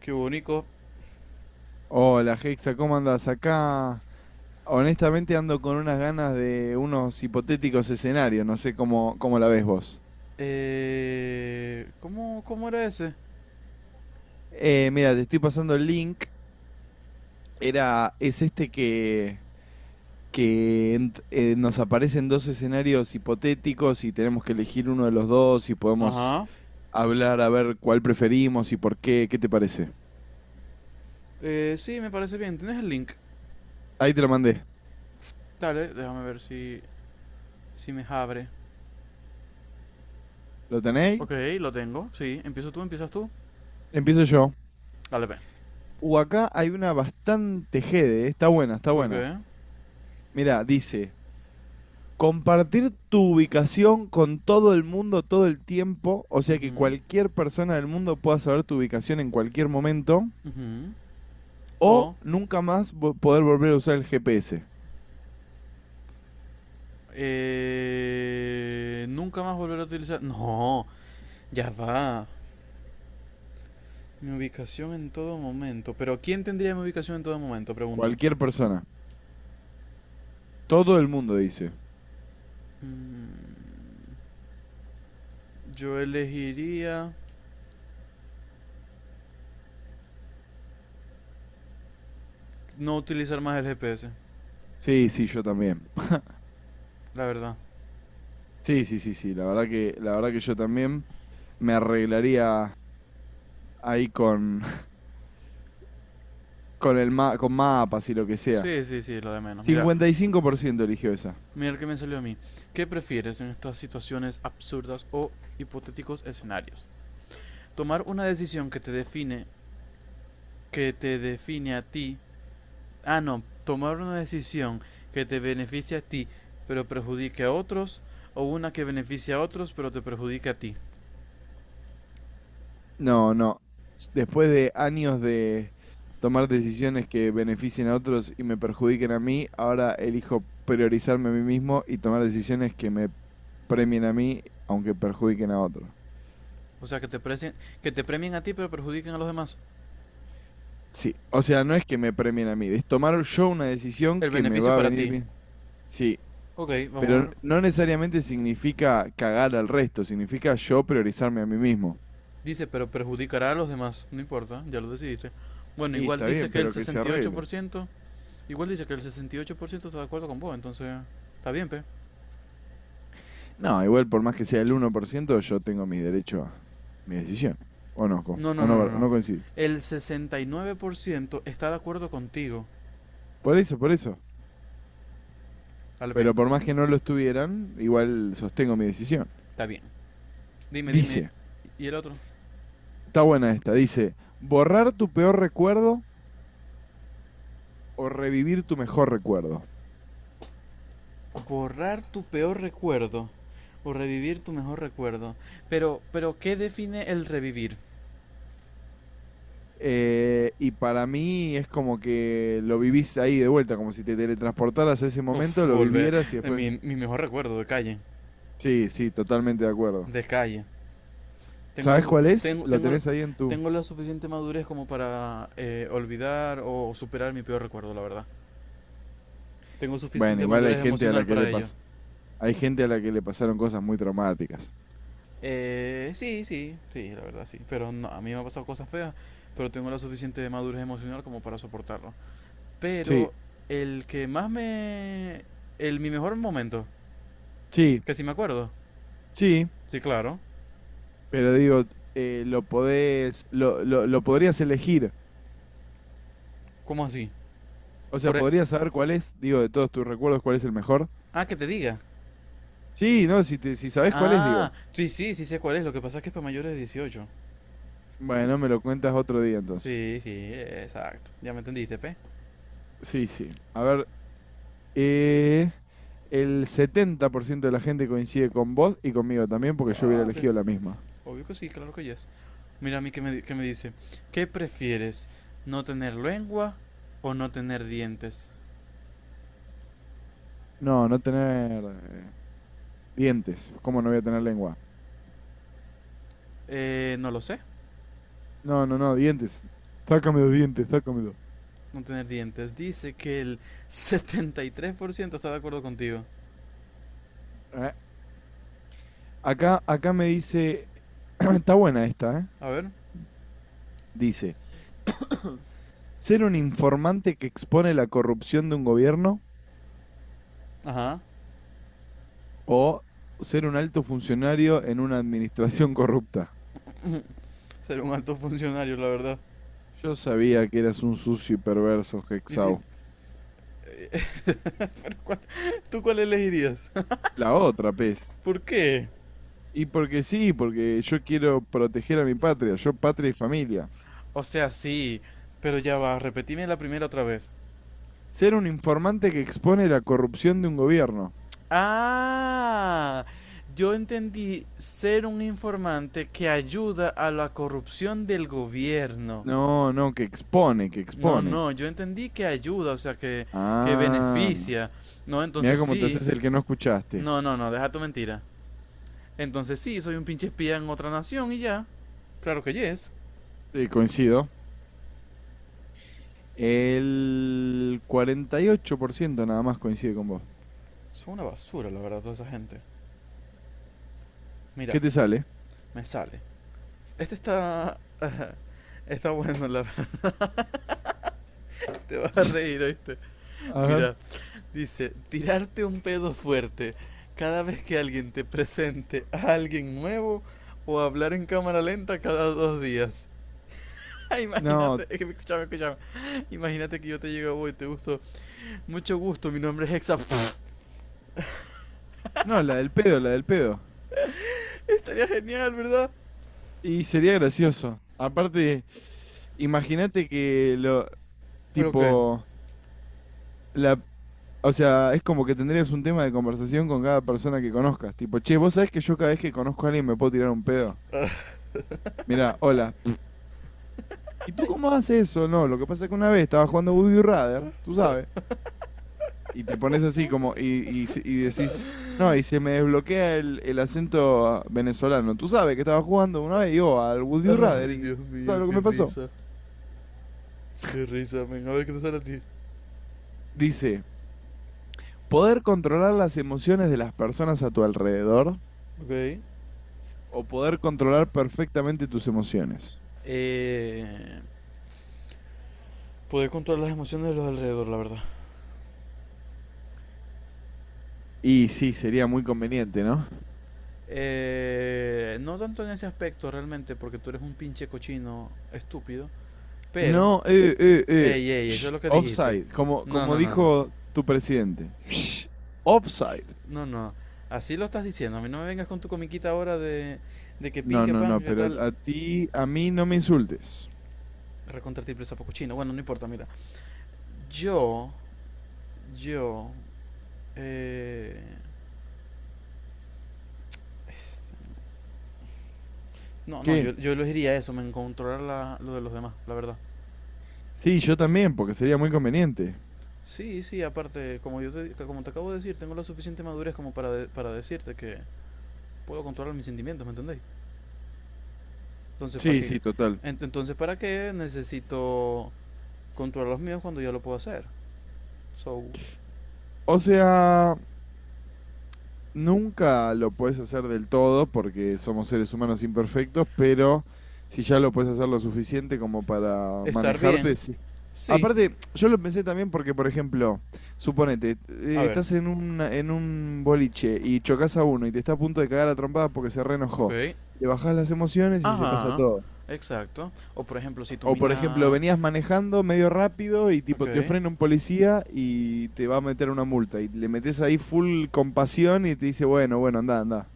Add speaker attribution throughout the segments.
Speaker 1: Qué bonito.
Speaker 2: Hola Hexa, ¿cómo andás? Acá honestamente ando con unas ganas de unos hipotéticos escenarios, no sé cómo la ves vos.
Speaker 1: ¿Cómo era ese?
Speaker 2: Mira, te estoy pasando el link, es este que nos aparecen dos escenarios hipotéticos y tenemos que elegir uno de los dos y podemos
Speaker 1: Ajá.
Speaker 2: hablar a ver cuál preferimos y por qué. ¿Qué te parece?
Speaker 1: Sí, me parece bien. ¿Tienes el link?
Speaker 2: Ahí te lo mandé.
Speaker 1: Dale, déjame ver si, si me abre.
Speaker 2: ¿Lo tenéis?
Speaker 1: Ok, lo tengo. Sí, empiezas tú.
Speaker 2: Empiezo yo.
Speaker 1: Dale, ve.
Speaker 2: Acá hay una bastante jede, está buena, está
Speaker 1: ¿Por
Speaker 2: buena.
Speaker 1: qué?
Speaker 2: Mira, dice... Compartir tu ubicación con todo el mundo todo el tiempo, o sea que
Speaker 1: Ujú,
Speaker 2: cualquier persona del mundo pueda saber tu ubicación en cualquier momento,
Speaker 1: ujú.
Speaker 2: o
Speaker 1: O,
Speaker 2: nunca más vo- poder volver a usar el GPS.
Speaker 1: nunca más volver a utilizar. No, ya va. Mi ubicación en todo momento. Pero ¿quién tendría mi ubicación en todo momento? Pregunto.
Speaker 2: Cualquier persona. Todo el mundo dice.
Speaker 1: Mm, yo elegiría no utilizar más el GPS.
Speaker 2: Sí, sí, yo también.
Speaker 1: La verdad.
Speaker 2: Sí, sí, sí, sí. La verdad que yo también me arreglaría ahí con, con mapas y lo que sea.
Speaker 1: Sí, sí, sí, lo de menos. Mira,
Speaker 2: 55% eligió esa.
Speaker 1: mira el que me salió a mí. ¿Qué prefieres en estas situaciones absurdas o hipotéticos escenarios? Tomar una decisión que te define, Que te define a ti. Ah, no, tomar una decisión que te beneficie a ti, pero perjudique a otros, o una que beneficie a otros, pero te perjudique a ti.
Speaker 2: No, no. Después de años de tomar decisiones que beneficien a otros y me perjudiquen a mí, ahora elijo priorizarme a mí mismo y tomar decisiones que me premien a mí, aunque perjudiquen a otros.
Speaker 1: O sea, que te premien a ti, pero perjudiquen a los demás.
Speaker 2: Sí, o sea, no es que me premien a mí, es tomar yo una decisión
Speaker 1: El
Speaker 2: que me
Speaker 1: beneficio
Speaker 2: va a
Speaker 1: para
Speaker 2: venir
Speaker 1: ti.
Speaker 2: bien. Sí,
Speaker 1: Ok, vamos
Speaker 2: pero
Speaker 1: a ver.
Speaker 2: no necesariamente significa cagar al resto, significa yo priorizarme a mí mismo.
Speaker 1: Dice, pero perjudicará a los demás. No importa, ya lo decidiste. Bueno,
Speaker 2: Y
Speaker 1: igual
Speaker 2: está
Speaker 1: dice
Speaker 2: bien,
Speaker 1: que el
Speaker 2: pero que se
Speaker 1: sesenta y ocho
Speaker 2: arregle.
Speaker 1: por ciento igual dice que el 68% está de acuerdo con vos, entonces está bien, pe.
Speaker 2: No, igual por más que sea el 1%, yo tengo mis derechos a mis decisiones. O no, co-
Speaker 1: No, no, no, no,
Speaker 2: o
Speaker 1: no.
Speaker 2: no coincidís.
Speaker 1: El 69% está de acuerdo contigo.
Speaker 2: Por eso, por eso.
Speaker 1: Dale, pe.
Speaker 2: Pero por más que no lo estuvieran, igual sostengo mi decisión.
Speaker 1: Está bien. Dime, dime.
Speaker 2: Dice,
Speaker 1: ¿Y el otro?
Speaker 2: está buena esta, dice, borrar tu peor recuerdo o revivir tu mejor recuerdo.
Speaker 1: Borrar tu peor recuerdo o revivir tu mejor recuerdo. Pero, ¿qué define el revivir?
Speaker 2: Y para mí es como que lo vivís ahí de vuelta, como si te teletransportaras a ese
Speaker 1: Uf,
Speaker 2: momento, lo
Speaker 1: volver.
Speaker 2: vivieras y
Speaker 1: Mi,
Speaker 2: después...
Speaker 1: mi mejor recuerdo de calle.
Speaker 2: Sí, sí, totalmente de acuerdo.
Speaker 1: De calle.
Speaker 2: ¿Sabes cuál es? Lo
Speaker 1: Tengo,
Speaker 2: tenés ahí en tu...
Speaker 1: tengo la suficiente madurez como para olvidar o superar mi peor recuerdo, la verdad. Tengo
Speaker 2: Bueno,
Speaker 1: suficiente
Speaker 2: igual
Speaker 1: madurez emocional para ello.
Speaker 2: hay gente a la que le pasaron cosas muy traumáticas.
Speaker 1: Sí, sí, sí, la verdad, sí. Pero no, a mí me han pasado cosas feas, pero tengo la suficiente madurez emocional como para soportarlo.
Speaker 2: Sí,
Speaker 1: Pero el que más me... El, mi mejor momento,
Speaker 2: sí,
Speaker 1: que sí me acuerdo.
Speaker 2: sí,
Speaker 1: Sí, claro.
Speaker 2: pero digo, lo podés, lo podrías elegir.
Speaker 1: ¿Cómo así?
Speaker 2: O sea,
Speaker 1: Por... e-
Speaker 2: podrías saber cuál es, digo, de todos tus recuerdos, cuál es el mejor.
Speaker 1: Ah, que te diga.
Speaker 2: Sí, no, si sabés cuál es,
Speaker 1: Ah,
Speaker 2: digo.
Speaker 1: sí, sí, sí sé cuál es. Lo que pasa es que es para mayores de 18.
Speaker 2: Bueno, me lo cuentas otro día entonces.
Speaker 1: Sí, sí, exacto. Ya me entendiste, pe.
Speaker 2: Sí, sí. A ver, eh, el 70% de la gente coincide con vos y conmigo también porque yo hubiera
Speaker 1: Papi,
Speaker 2: elegido la misma.
Speaker 1: obvio que sí, claro que yes. Mira a mí que me, di- que me dice, ¿qué prefieres? ¿No tener lengua o no tener dientes?
Speaker 2: No, no tener eh, dientes. ¿Cómo no voy a tener lengua?
Speaker 1: No lo sé,
Speaker 2: No, no, no, dientes. Sácame los dientes, sácame los.
Speaker 1: no tener dientes. Dice que el 73% está de acuerdo contigo.
Speaker 2: Eh, acá me dice, está buena esta, ¿eh?
Speaker 1: A ver,
Speaker 2: Dice, ser un informante que expone la corrupción de un gobierno
Speaker 1: ajá,
Speaker 2: o ser un alto funcionario en una administración corrupta.
Speaker 1: ser un alto funcionario, la verdad.
Speaker 2: Yo sabía que eras un sucio y perverso,
Speaker 1: Y di-
Speaker 2: Hexau.
Speaker 1: ¿cuál- ¿Tú cuál elegirías?
Speaker 2: La otra, pez.
Speaker 1: ¿Por qué?
Speaker 2: Y porque sí, porque yo quiero proteger a mi patria, yo patria y familia.
Speaker 1: O sea, sí, pero ya va, repetime la primera otra vez.
Speaker 2: Ser un informante que expone la corrupción de un gobierno.
Speaker 1: Ah, yo entendí ser un informante que ayuda a la corrupción del gobierno.
Speaker 2: No, no, que expone, que
Speaker 1: No,
Speaker 2: expone.
Speaker 1: no, yo entendí que ayuda, o sea, que
Speaker 2: Ah.
Speaker 1: beneficia. No,
Speaker 2: Mira
Speaker 1: entonces
Speaker 2: cómo te
Speaker 1: sí.
Speaker 2: haces el que no escuchaste.
Speaker 1: No, no, no, deja tu mentira. Entonces sí, soy un pinche espía en otra nación y ya. Claro que yes.
Speaker 2: Sí, coincido. El 48% nada más coincide con vos.
Speaker 1: Son una basura, la verdad, toda esa gente. Mira,
Speaker 2: ¿Qué te sale?
Speaker 1: me sale. Este está... Está bueno, la verdad. Te vas a reír, ¿oíste?
Speaker 2: A ver.
Speaker 1: Mira. Dice, tirarte un pedo fuerte cada vez que alguien te presente a alguien nuevo o hablar en cámara lenta cada 2 días.
Speaker 2: No,
Speaker 1: Imagínate, escúchame, escúchame. Imagínate que yo te llego voy, te gusto. Mucho gusto, mi nombre es Hexa.
Speaker 2: no, la del pedo, la del pedo.
Speaker 1: Estaría genial, ¿verdad?
Speaker 2: Y sería gracioso. Aparte, imagínate que lo,
Speaker 1: Ok.
Speaker 2: tipo, la, o sea, es como que tendrías un tema de conversación con cada persona que conozcas. Tipo, che, vos sabés que yo cada vez que conozco a alguien me puedo tirar un pedo. Mirá, hola. ¿Y tú cómo haces eso? No, lo que pasa es que una vez estaba jugando Woody Rather, tú sabes. Y te pones así como, y decís, no, y se me desbloquea el acento venezolano. Tú sabes que estaba jugando una vez yo al Would You Rather
Speaker 1: Ay,
Speaker 2: y
Speaker 1: Dios
Speaker 2: tú sabes
Speaker 1: mío,
Speaker 2: lo que
Speaker 1: qué
Speaker 2: me pasó.
Speaker 1: risa. Qué risa, men. A ver qué te sale a ti.
Speaker 2: Dice, poder controlar las emociones de las personas a tu alrededor
Speaker 1: Ok.
Speaker 2: o poder controlar perfectamente tus emociones.
Speaker 1: Eh, Poder controlar las emociones de los alrededor, la verdad.
Speaker 2: Y sí, sería muy conveniente, ¿no?
Speaker 1: No tanto en ese aspecto realmente, porque tú eres un pinche cochino estúpido, pero...
Speaker 2: No,
Speaker 1: Ey, ey, eso es
Speaker 2: shh,
Speaker 1: lo que dijiste.
Speaker 2: offside, como,
Speaker 1: No,
Speaker 2: como
Speaker 1: no, no, no.
Speaker 2: dijo tu presidente. Shh, offside.
Speaker 1: No, no. Así lo estás diciendo. A mí no me vengas con tu comiquita ahora de que pin,
Speaker 2: No,
Speaker 1: que
Speaker 2: no,
Speaker 1: pan,
Speaker 2: no,
Speaker 1: que
Speaker 2: pero
Speaker 1: tal.
Speaker 2: a ti, a mí no me insultes.
Speaker 1: Recontra triple sapo cochino. Bueno, no importa, mira. Yo, yo... Eh, este, no, no,
Speaker 2: ¿Qué?
Speaker 1: yo elegiría eso, me encontrará lo de los demás, la verdad.
Speaker 2: Sí, yo también, porque sería muy conveniente.
Speaker 1: Sí, sí, aparte, como te acabo de decir, tengo la suficiente madurez como para, para decirte que puedo controlar mis sentimientos, ¿me entendéis? Entonces, ¿para
Speaker 2: Sí,
Speaker 1: qué?
Speaker 2: sí, total.
Speaker 1: Entonces, ¿para qué necesito controlar los míos cuando ya lo puedo hacer? So,
Speaker 2: O sea, nunca lo puedes hacer del todo porque somos seres humanos imperfectos, pero si ya lo puedes hacer lo suficiente como para
Speaker 1: estar bien,
Speaker 2: manejarte, sí.
Speaker 1: sí.
Speaker 2: Aparte, yo lo pensé también porque, por ejemplo, suponete,
Speaker 1: A ver,
Speaker 2: estás en un boliche y chocas a uno y te está a punto de cagar a trompadas porque se reenojó.
Speaker 1: ok.
Speaker 2: Le bajás las emociones y se pasa
Speaker 1: Ajá,
Speaker 2: todo.
Speaker 1: exacto. O por ejemplo, si tu
Speaker 2: O por ejemplo,
Speaker 1: mina...
Speaker 2: venías manejando medio rápido y tipo te
Speaker 1: Ok.
Speaker 2: frena un policía y te va a meter una multa y le metes ahí full compasión y te dice, bueno, bueno, anda, anda.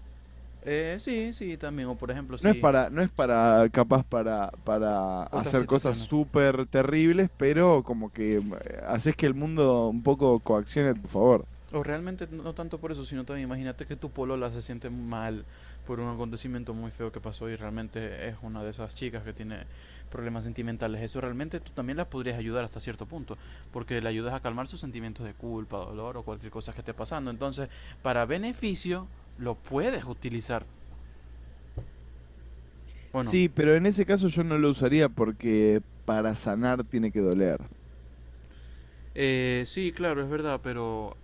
Speaker 1: Sí, sí, también. O por ejemplo,
Speaker 2: No es
Speaker 1: si...
Speaker 2: para, no es para, capaz para
Speaker 1: Otras
Speaker 2: hacer cosas
Speaker 1: situaciones.
Speaker 2: súper terribles, pero como que haces que el mundo un poco coaccione a tu favor.
Speaker 1: O realmente no tanto por eso, sino también imagínate que tu polola se siente mal por un acontecimiento muy feo que pasó y realmente es una de esas chicas que tiene problemas sentimentales. Eso realmente tú también las podrías ayudar hasta cierto punto, porque le ayudas a calmar sus sentimientos de culpa, dolor o cualquier cosa que esté pasando. Entonces, para beneficio, lo puedes utilizar. Bueno,
Speaker 2: Sí, pero en ese caso yo no lo usaría porque para sanar tiene que doler.
Speaker 1: sí, claro, es verdad, pero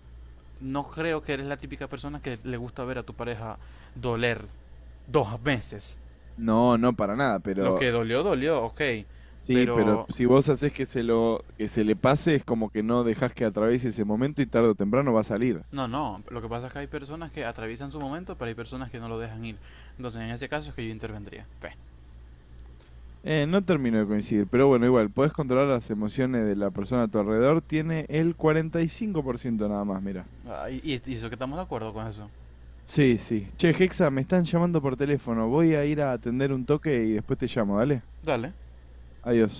Speaker 1: no creo que eres la típica persona que le gusta ver a tu pareja doler 2 veces.
Speaker 2: No, no para nada,
Speaker 1: Lo
Speaker 2: pero
Speaker 1: que dolió, dolió, ok.
Speaker 2: sí, pero
Speaker 1: Pero
Speaker 2: si vos haces que se lo, que se le pase, es como que no dejás que atraviese ese momento y tarde o temprano va a salir.
Speaker 1: no, no. Lo que pasa es que hay personas que atraviesan su momento, pero hay personas que no lo dejan ir. Entonces, en ese caso es que yo intervendría. Ve.
Speaker 2: No termino de coincidir, pero bueno, igual, podés controlar las emociones de la persona a tu alrededor, tiene el 45% nada más, mira.
Speaker 1: Ah, y eso que estamos de acuerdo con eso.
Speaker 2: Sí, sí. Che, Hexa, me están llamando por teléfono, voy a ir a atender un toque y después te llamo, dale.
Speaker 1: Dale.
Speaker 2: Adiós.